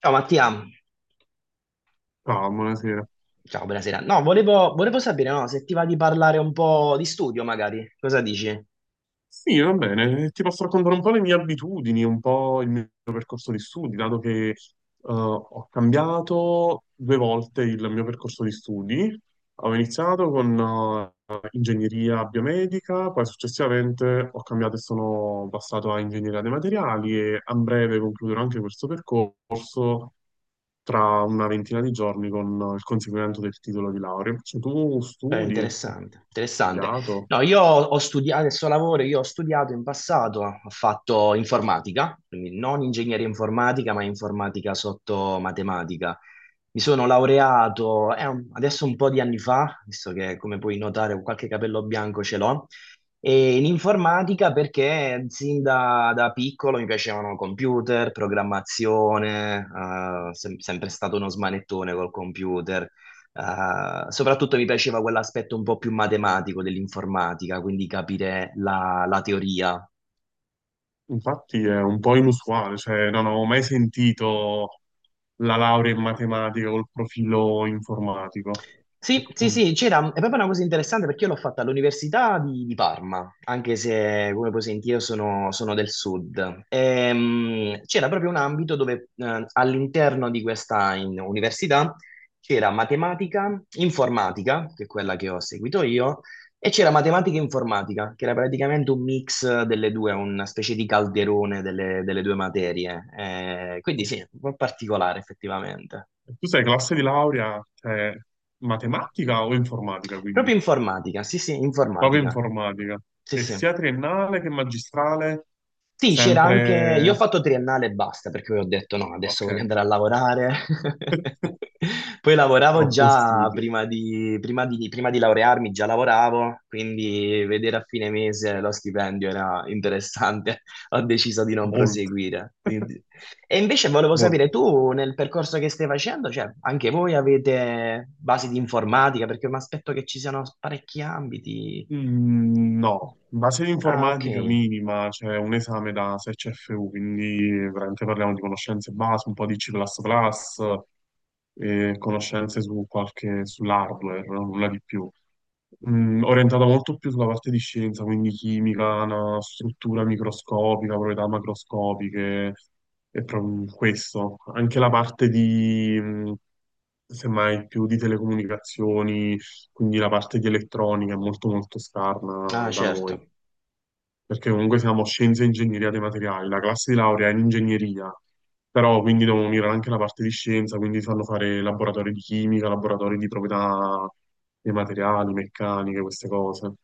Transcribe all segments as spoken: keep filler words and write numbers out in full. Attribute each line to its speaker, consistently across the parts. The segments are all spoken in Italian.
Speaker 1: Ciao Mattia,
Speaker 2: Ciao, buonasera.
Speaker 1: ciao, buonasera. No, volevo, volevo sapere, no, se ti va di parlare un po' di studio, magari. Cosa dici?
Speaker 2: Sì, va bene, ti posso raccontare un po' le mie abitudini, un po' il mio percorso di studi, dato che eh, ho cambiato due volte il mio percorso di studi. Ho iniziato con eh, ingegneria biomedica, poi successivamente ho cambiato e sono passato a ingegneria dei materiali e a breve concluderò anche questo percorso tra una ventina di giorni con il conseguimento del titolo di laurea. Cioè, tu
Speaker 1: Eh,
Speaker 2: studi, hai
Speaker 1: interessante, interessante.
Speaker 2: studiato?
Speaker 1: No, io ho studiato, adesso lavoro, io ho studiato in passato, ho fatto informatica, quindi non ingegneria informatica, ma informatica sotto matematica. Mi sono laureato eh, un- adesso un po' di anni fa, visto che, come puoi notare, qualche capello bianco ce l'ho, e in informatica perché sin da, da piccolo mi piacevano computer, programmazione, eh, sem- sempre stato uno smanettone col computer. Eh, soprattutto mi piaceva quell'aspetto un po' più matematico dell'informatica, quindi capire la, la teoria.
Speaker 2: Infatti è un po' inusuale, cioè non avevo mai sentito la laurea in matematica col profilo informatico.
Speaker 1: Sì, sì,
Speaker 2: Mm.
Speaker 1: sì, c'era, è proprio una cosa interessante perché io l'ho fatta all'Università di, di Parma, anche se, come puoi sentire, io sono, sono del sud. Ehm, c'era proprio un ambito dove eh, all'interno di questa in- università c'era matematica, informatica, che è quella che ho seguito io, e c'era matematica e informatica, che era praticamente un mix delle due, una specie di calderone delle, delle due materie. Eh, quindi sì, un po' particolare effettivamente.
Speaker 2: Tu sei classe di laurea, cioè, matematica o informatica, quindi?
Speaker 1: Proprio informatica, sì, sì,
Speaker 2: Proprio
Speaker 1: informatica.
Speaker 2: informatica.
Speaker 1: Sì,
Speaker 2: E
Speaker 1: sì.
Speaker 2: sia triennale che magistrale,
Speaker 1: Sì, c'era anche... Io ho
Speaker 2: sempre...
Speaker 1: fatto triennale e basta, perché poi ho detto no, adesso
Speaker 2: Ok.
Speaker 1: voglio andare a lavorare. Poi lavoravo
Speaker 2: Troppo
Speaker 1: già
Speaker 2: studio.
Speaker 1: prima di, prima di, prima di laurearmi, già lavoravo, quindi vedere a fine mese lo stipendio era interessante. Ho deciso di non
Speaker 2: Molto.
Speaker 1: proseguire. Quindi- E invece volevo sapere,
Speaker 2: Molto.
Speaker 1: tu nel percorso che stai facendo, cioè anche voi avete basi di informatica, perché mi aspetto che ci siano parecchi ambiti.
Speaker 2: Mm, No, base di
Speaker 1: Ah, ok.
Speaker 2: informatica minima, c'è un esame da sei C F U, quindi veramente parliamo di conoscenze base, un po' di C++, e conoscenze su qualche, sull'hardware, no? Nulla di più. Mm, orientata molto più sulla parte di scienza, quindi chimica, una struttura microscopica, proprietà macroscopiche, e pro- questo. Anche la parte di, mm, semmai, più di telecomunicazioni, quindi la parte di elettronica è molto molto
Speaker 1: Ah,
Speaker 2: scarna da noi,
Speaker 1: certo.
Speaker 2: perché comunque siamo scienze e ingegneria dei materiali, la classe di laurea è in ingegneria, però quindi devono unire anche la parte di scienza, quindi fanno fare laboratori di chimica, laboratori di proprietà dei materiali, meccaniche, queste cose.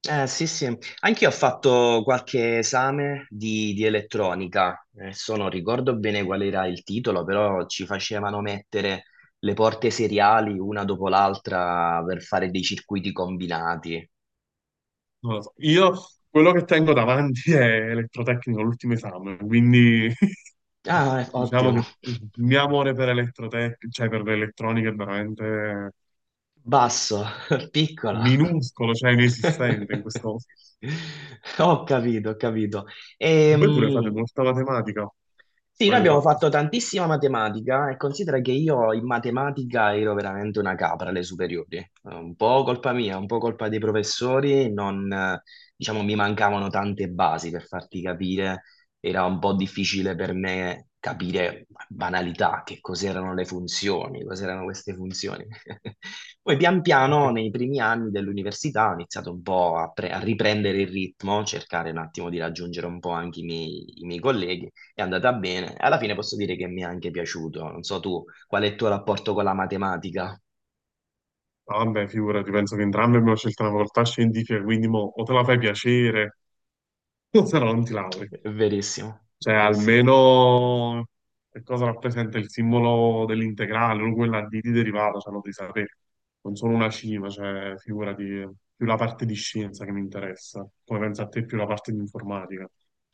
Speaker 1: Eh, sì, sì. Anch'io ho fatto qualche esame di, di elettronica. Adesso non ricordo bene qual era il titolo, però ci facevano mettere le porte seriali una dopo l'altra per fare dei circuiti combinati.
Speaker 2: Non lo so. Io quello che tengo davanti è elettrotecnico, l'ultimo esame, quindi
Speaker 1: Ah, eh,
Speaker 2: diciamo che
Speaker 1: ottimo.
Speaker 2: il mio amore per elettrotec, cioè per l'elettronica è veramente
Speaker 1: Basso, piccolo.
Speaker 2: minuscolo, cioè inesistente in questo...
Speaker 1: Ho capito, ho capito.
Speaker 2: Voi pure fate
Speaker 1: Ehm,
Speaker 2: molta matematica,
Speaker 1: Sì, noi
Speaker 2: l'avete
Speaker 1: abbiamo
Speaker 2: fatto.
Speaker 1: fatto tantissima matematica e considera che io in matematica ero veramente una capra alle superiori. Eh, Un po' colpa mia, un po' colpa dei professori, non, eh, diciamo, mi mancavano tante basi per farti capire. Era un po' difficile per me capire banalità, che cos'erano le funzioni, cos'erano queste funzioni. Poi pian
Speaker 2: A
Speaker 1: piano,
Speaker 2: te.
Speaker 1: nei primi anni dell'università, ho iniziato un po' a, pre- a riprendere il ritmo, cercare un attimo di raggiungere un po' anche i miei i miei colleghi. È andata bene. Alla fine posso dire che mi è anche piaciuto. Non so tu, qual è il tuo rapporto con la matematica?
Speaker 2: Ah, vabbè, figurati, penso che entrambi abbiamo scelto una facoltà scientifica, quindi mo, o te la fai piacere, o se no non ti lauri.
Speaker 1: Verissimo,
Speaker 2: Cioè,
Speaker 1: verissimo.
Speaker 2: almeno che cosa rappresenta il simbolo dell'integrale, o quella di di derivata, cioè lo devi sapere. Non sono una cima, cioè, figurati, più la parte di scienza che mi interessa. Come pensa a te, più la parte di informatica.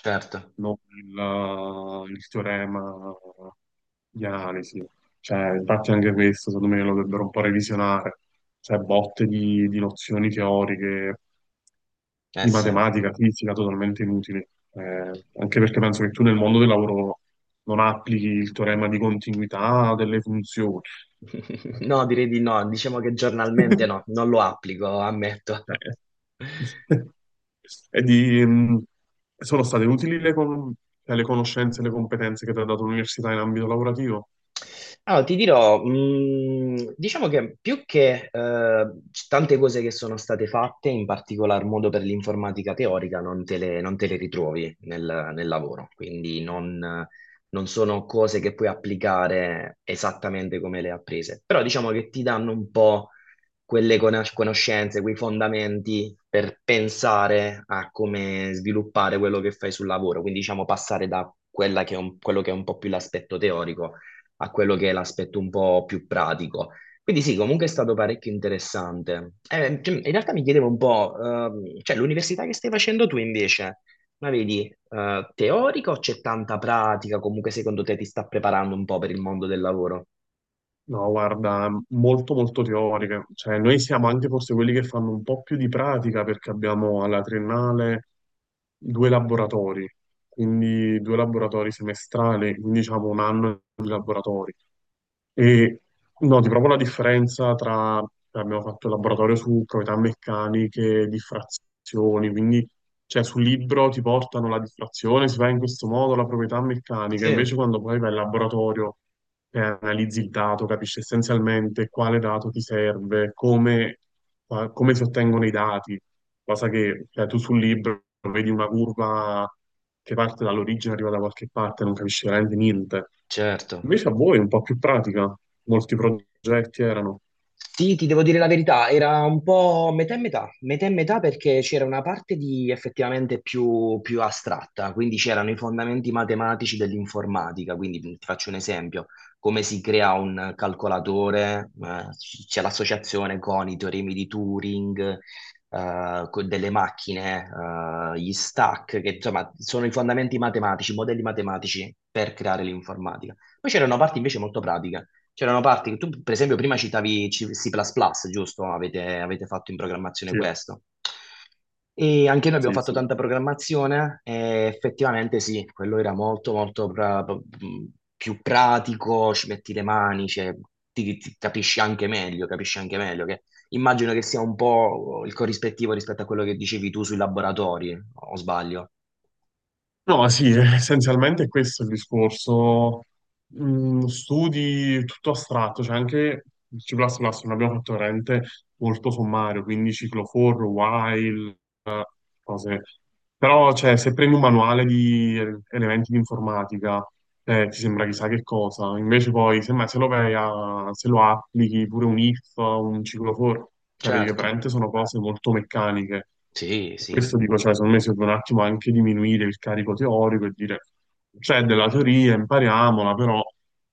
Speaker 1: Certo,
Speaker 2: Non il, eh, il teorema di analisi. Cioè, infatti anche questo, secondo me, lo dovrebbero un po' revisionare. Cioè, botte di, di nozioni teoriche,
Speaker 1: eh
Speaker 2: di
Speaker 1: sì.
Speaker 2: matematica, fisica, totalmente inutili. Eh, anche perché penso che tu nel mondo del lavoro non applichi il teorema di continuità delle funzioni.
Speaker 1: No, direi di no. Diciamo che giornalmente no, non lo applico, ammetto.
Speaker 2: Cioè, E di, mh, sono state utili le, con- cioè, le conoscenze e le competenze che ti ha dato l'università in ambito lavorativo?
Speaker 1: Ah, ti dirò, mh, diciamo che più che eh, c- tante cose che sono state fatte, in particolar modo per l'informatica teorica, non te le, non te le ritrovi nel, nel lavoro, quindi non, non sono cose che puoi applicare esattamente come le hai apprese, però diciamo che ti danno un po' quelle conos- conoscenze, quei fondamenti per pensare a come sviluppare quello che fai sul lavoro, quindi diciamo passare da quella che è un- quello che è un po' più l'aspetto teorico a quello che è l'aspetto un po' più pratico. Quindi sì, comunque è stato parecchio interessante. Eh, cioè, in realtà mi chiedevo un po', ehm, cioè l'università che stai facendo tu invece, ma vedi, eh, teorica o c'è tanta pratica? Comunque secondo te ti sta preparando un po' per il mondo del lavoro?
Speaker 2: No, guarda, molto molto teoriche. Cioè, noi siamo anche forse quelli che fanno un po' più di pratica perché abbiamo alla triennale due laboratori, quindi due laboratori semestrali, quindi diciamo un anno di laboratori. E noti proprio la differenza tra, cioè, abbiamo fatto il laboratorio su proprietà meccaniche, diffrazioni, quindi cioè, sul libro ti portano la distrazione, si fa in questo modo la proprietà meccanica, invece
Speaker 1: Sì,
Speaker 2: quando poi vai in laboratorio e analizzi il dato, capisci essenzialmente quale dato ti serve, come, qua- come si ottengono i dati, cosa che cioè, tu sul libro vedi una curva che parte dall'origine, arriva da qualche parte, non capisci veramente niente.
Speaker 1: certo.
Speaker 2: Invece a voi è un po' più pratica, molti progetti erano.
Speaker 1: Sì, ti devo dire la verità, era un po' metà e metà, metà e metà perché c'era una parte di effettivamente più, più astratta, quindi c'erano i fondamenti matematici dell'informatica, quindi ti faccio un esempio, come si crea un calcolatore, eh, c'è l'associazione con i teoremi di Turing, eh, con delle macchine, eh, gli stack, che insomma sono i fondamenti matematici, i modelli matematici per creare l'informatica. Poi c'era una parte invece molto pratica. C'erano parti, tu per esempio prima citavi C++, C++, giusto? Avete, avete fatto in programmazione
Speaker 2: Sì,
Speaker 1: questo. E anche noi abbiamo
Speaker 2: sì,
Speaker 1: fatto
Speaker 2: sì.
Speaker 1: tanta programmazione e effettivamente sì, quello era molto molto pra- più pratico, ci metti le mani, cioè, ti, ti capisci anche meglio, capisci anche meglio che immagino che sia un po' il corrispettivo rispetto a quello che dicevi tu sui laboratori, o sbaglio?
Speaker 2: No, sì, essenzialmente questo è il discorso. Mm, studi tutto astratto, cioè anche il C++ non abbiamo fatto veramente molto sommario, quindi ciclo for, while, eh, cose. Però, cioè, se prendi un manuale di elementi di informatica, eh, ti sembra chissà che cosa, invece poi semmai se lo, vai a- se lo applichi pure un if, un ciclofor, cioè vedi che
Speaker 1: Certo,
Speaker 2: veramente sono cose molto meccaniche.
Speaker 1: sì,
Speaker 2: Per
Speaker 1: sì,
Speaker 2: questo dico, cioè, secondo me si deve un attimo anche diminuire il carico teorico e dire c'è della teoria, impariamola, però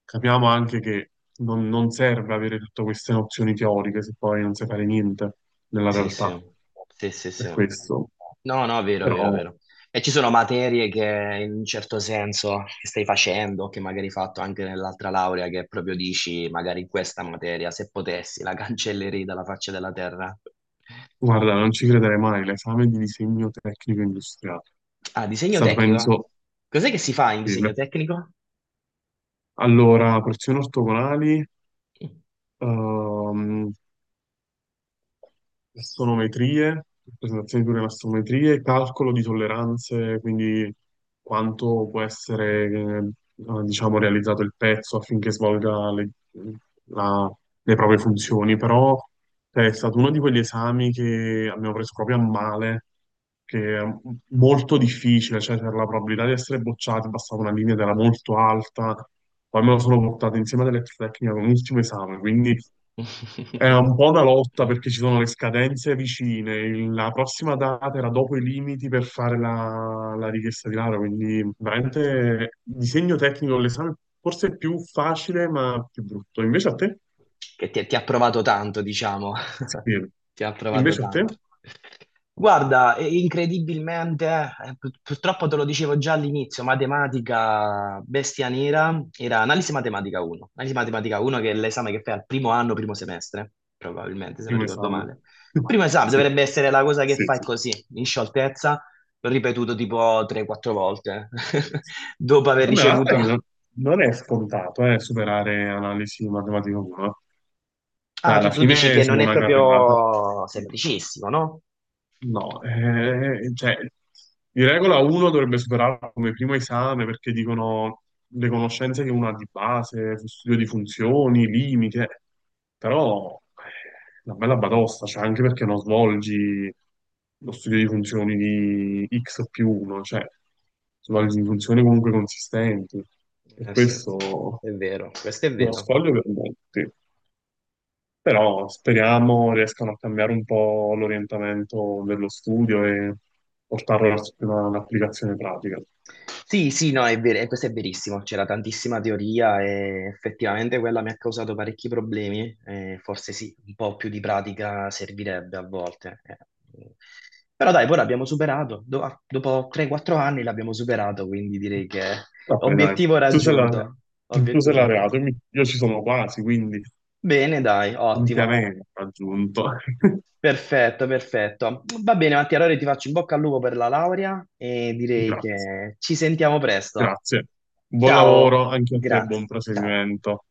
Speaker 2: capiamo anche che non, non serve avere tutte queste nozioni teoriche se poi non sai fare niente nella
Speaker 1: sì,
Speaker 2: realtà.
Speaker 1: sì, sì, sì,
Speaker 2: Per
Speaker 1: sì.
Speaker 2: questo,
Speaker 1: No, no, vero, vero,
Speaker 2: però.
Speaker 1: vero. E ci sono materie che, in un certo senso, che stai facendo, che magari hai fatto anche nell'altra laurea, che proprio dici, magari in questa materia, se potessi, la cancellerei dalla faccia della terra.
Speaker 2: Guarda, non ci crederei mai, l'esame di disegno tecnico industriale.
Speaker 1: Ah,
Speaker 2: È
Speaker 1: disegno
Speaker 2: stato,
Speaker 1: tecnico?
Speaker 2: penso,
Speaker 1: Cos'è che si fa in disegno
Speaker 2: difficile.
Speaker 1: tecnico?
Speaker 2: Allora, porzioni ortogonali, ehm, astrometrie, rappresentazioni di astrometrie, calcolo di tolleranze, quindi quanto può essere, eh, diciamo, realizzato il pezzo affinché svolga le, la- le proprie funzioni, però cioè, è stato uno di quegli esami che abbiamo preso proprio a male, che è molto difficile, cioè c'era la probabilità di essere bocciati, bastava una linea ed era molto alta. Poi me lo sono portato insieme ad elettrotecnica con l'ultimo esame, quindi è un po' una lotta
Speaker 1: Mm.
Speaker 2: perché ci sono le scadenze vicine. il- La prossima data era dopo i limiti per fare la, la richiesta di laurea, quindi veramente disegno tecnico l'esame forse è più facile ma più brutto. Invece a te?
Speaker 1: Che ti, ti ha provato tanto, diciamo.
Speaker 2: Sì.
Speaker 1: Ti ha provato
Speaker 2: Invece a
Speaker 1: tanto.
Speaker 2: te?
Speaker 1: Guarda, e- incredibilmente, eh, pur- purtroppo te lo dicevo già all'inizio, matematica bestia nera era analisi matematica uno. Analisi matematica uno che è l'esame che fai al primo anno, primo semestre, probabilmente, se non
Speaker 2: Primo
Speaker 1: ricordo
Speaker 2: esame.
Speaker 1: male. Primo esame
Speaker 2: Sì,
Speaker 1: dovrebbe essere la cosa che
Speaker 2: sì,
Speaker 1: fai
Speaker 2: sì.
Speaker 1: così, in scioltezza, l'ho ripetuto tipo tre o quattro volte, dopo aver
Speaker 2: Vabbè, la realtà è
Speaker 1: ricevuto...
Speaker 2: che non, non è scontato, eh, superare analisi matematica uno. Cioè,
Speaker 1: Ah, tu,
Speaker 2: alla
Speaker 1: tu dici
Speaker 2: fine
Speaker 1: che non
Speaker 2: sono
Speaker 1: è
Speaker 2: una carrellata.
Speaker 1: proprio semplicissimo, no?
Speaker 2: No, eh, cioè, di regola uno dovrebbe superarlo come primo esame perché dicono le conoscenze che uno ha di base, studio di funzioni, limite, però eh, una bella batosta, cioè anche perché non svolgi lo studio di funzioni di x più uno, cioè svolgi funzioni comunque consistenti e
Speaker 1: Eh, sì,
Speaker 2: questo
Speaker 1: è vero, questo è
Speaker 2: è uno
Speaker 1: vero.
Speaker 2: scoglio per molti. Però speriamo riescano a cambiare un po' l'orientamento dello studio e portarlo verso una- un'applicazione pratica.
Speaker 1: Sì, sì, no, è vero, e questo è verissimo, c'era tantissima teoria e effettivamente quella mi ha causato parecchi problemi, eh, forse sì, un po' più di pratica servirebbe a volte. Eh. Però dai, poi l'abbiamo superato, do- ah, dopo tre quattro anni l'abbiamo superato, quindi direi che
Speaker 2: Vabbè, dai,
Speaker 1: obiettivo
Speaker 2: tu sei laureato,
Speaker 1: raggiunto,
Speaker 2: tu sei
Speaker 1: obiettivo raggiunto.
Speaker 2: laureato, io mi- io ci sono quasi, quindi
Speaker 1: Bene, dai, ottimo.
Speaker 2: ampiamente raggiunto.
Speaker 1: Perfetto, perfetto. Va bene, Mattia, allora ti faccio in bocca al lupo per la laurea e direi
Speaker 2: Grazie,
Speaker 1: che ci sentiamo presto.
Speaker 2: grazie. Buon
Speaker 1: Ciao,
Speaker 2: lavoro anche a te, buon
Speaker 1: grazie. Ciao.
Speaker 2: proseguimento.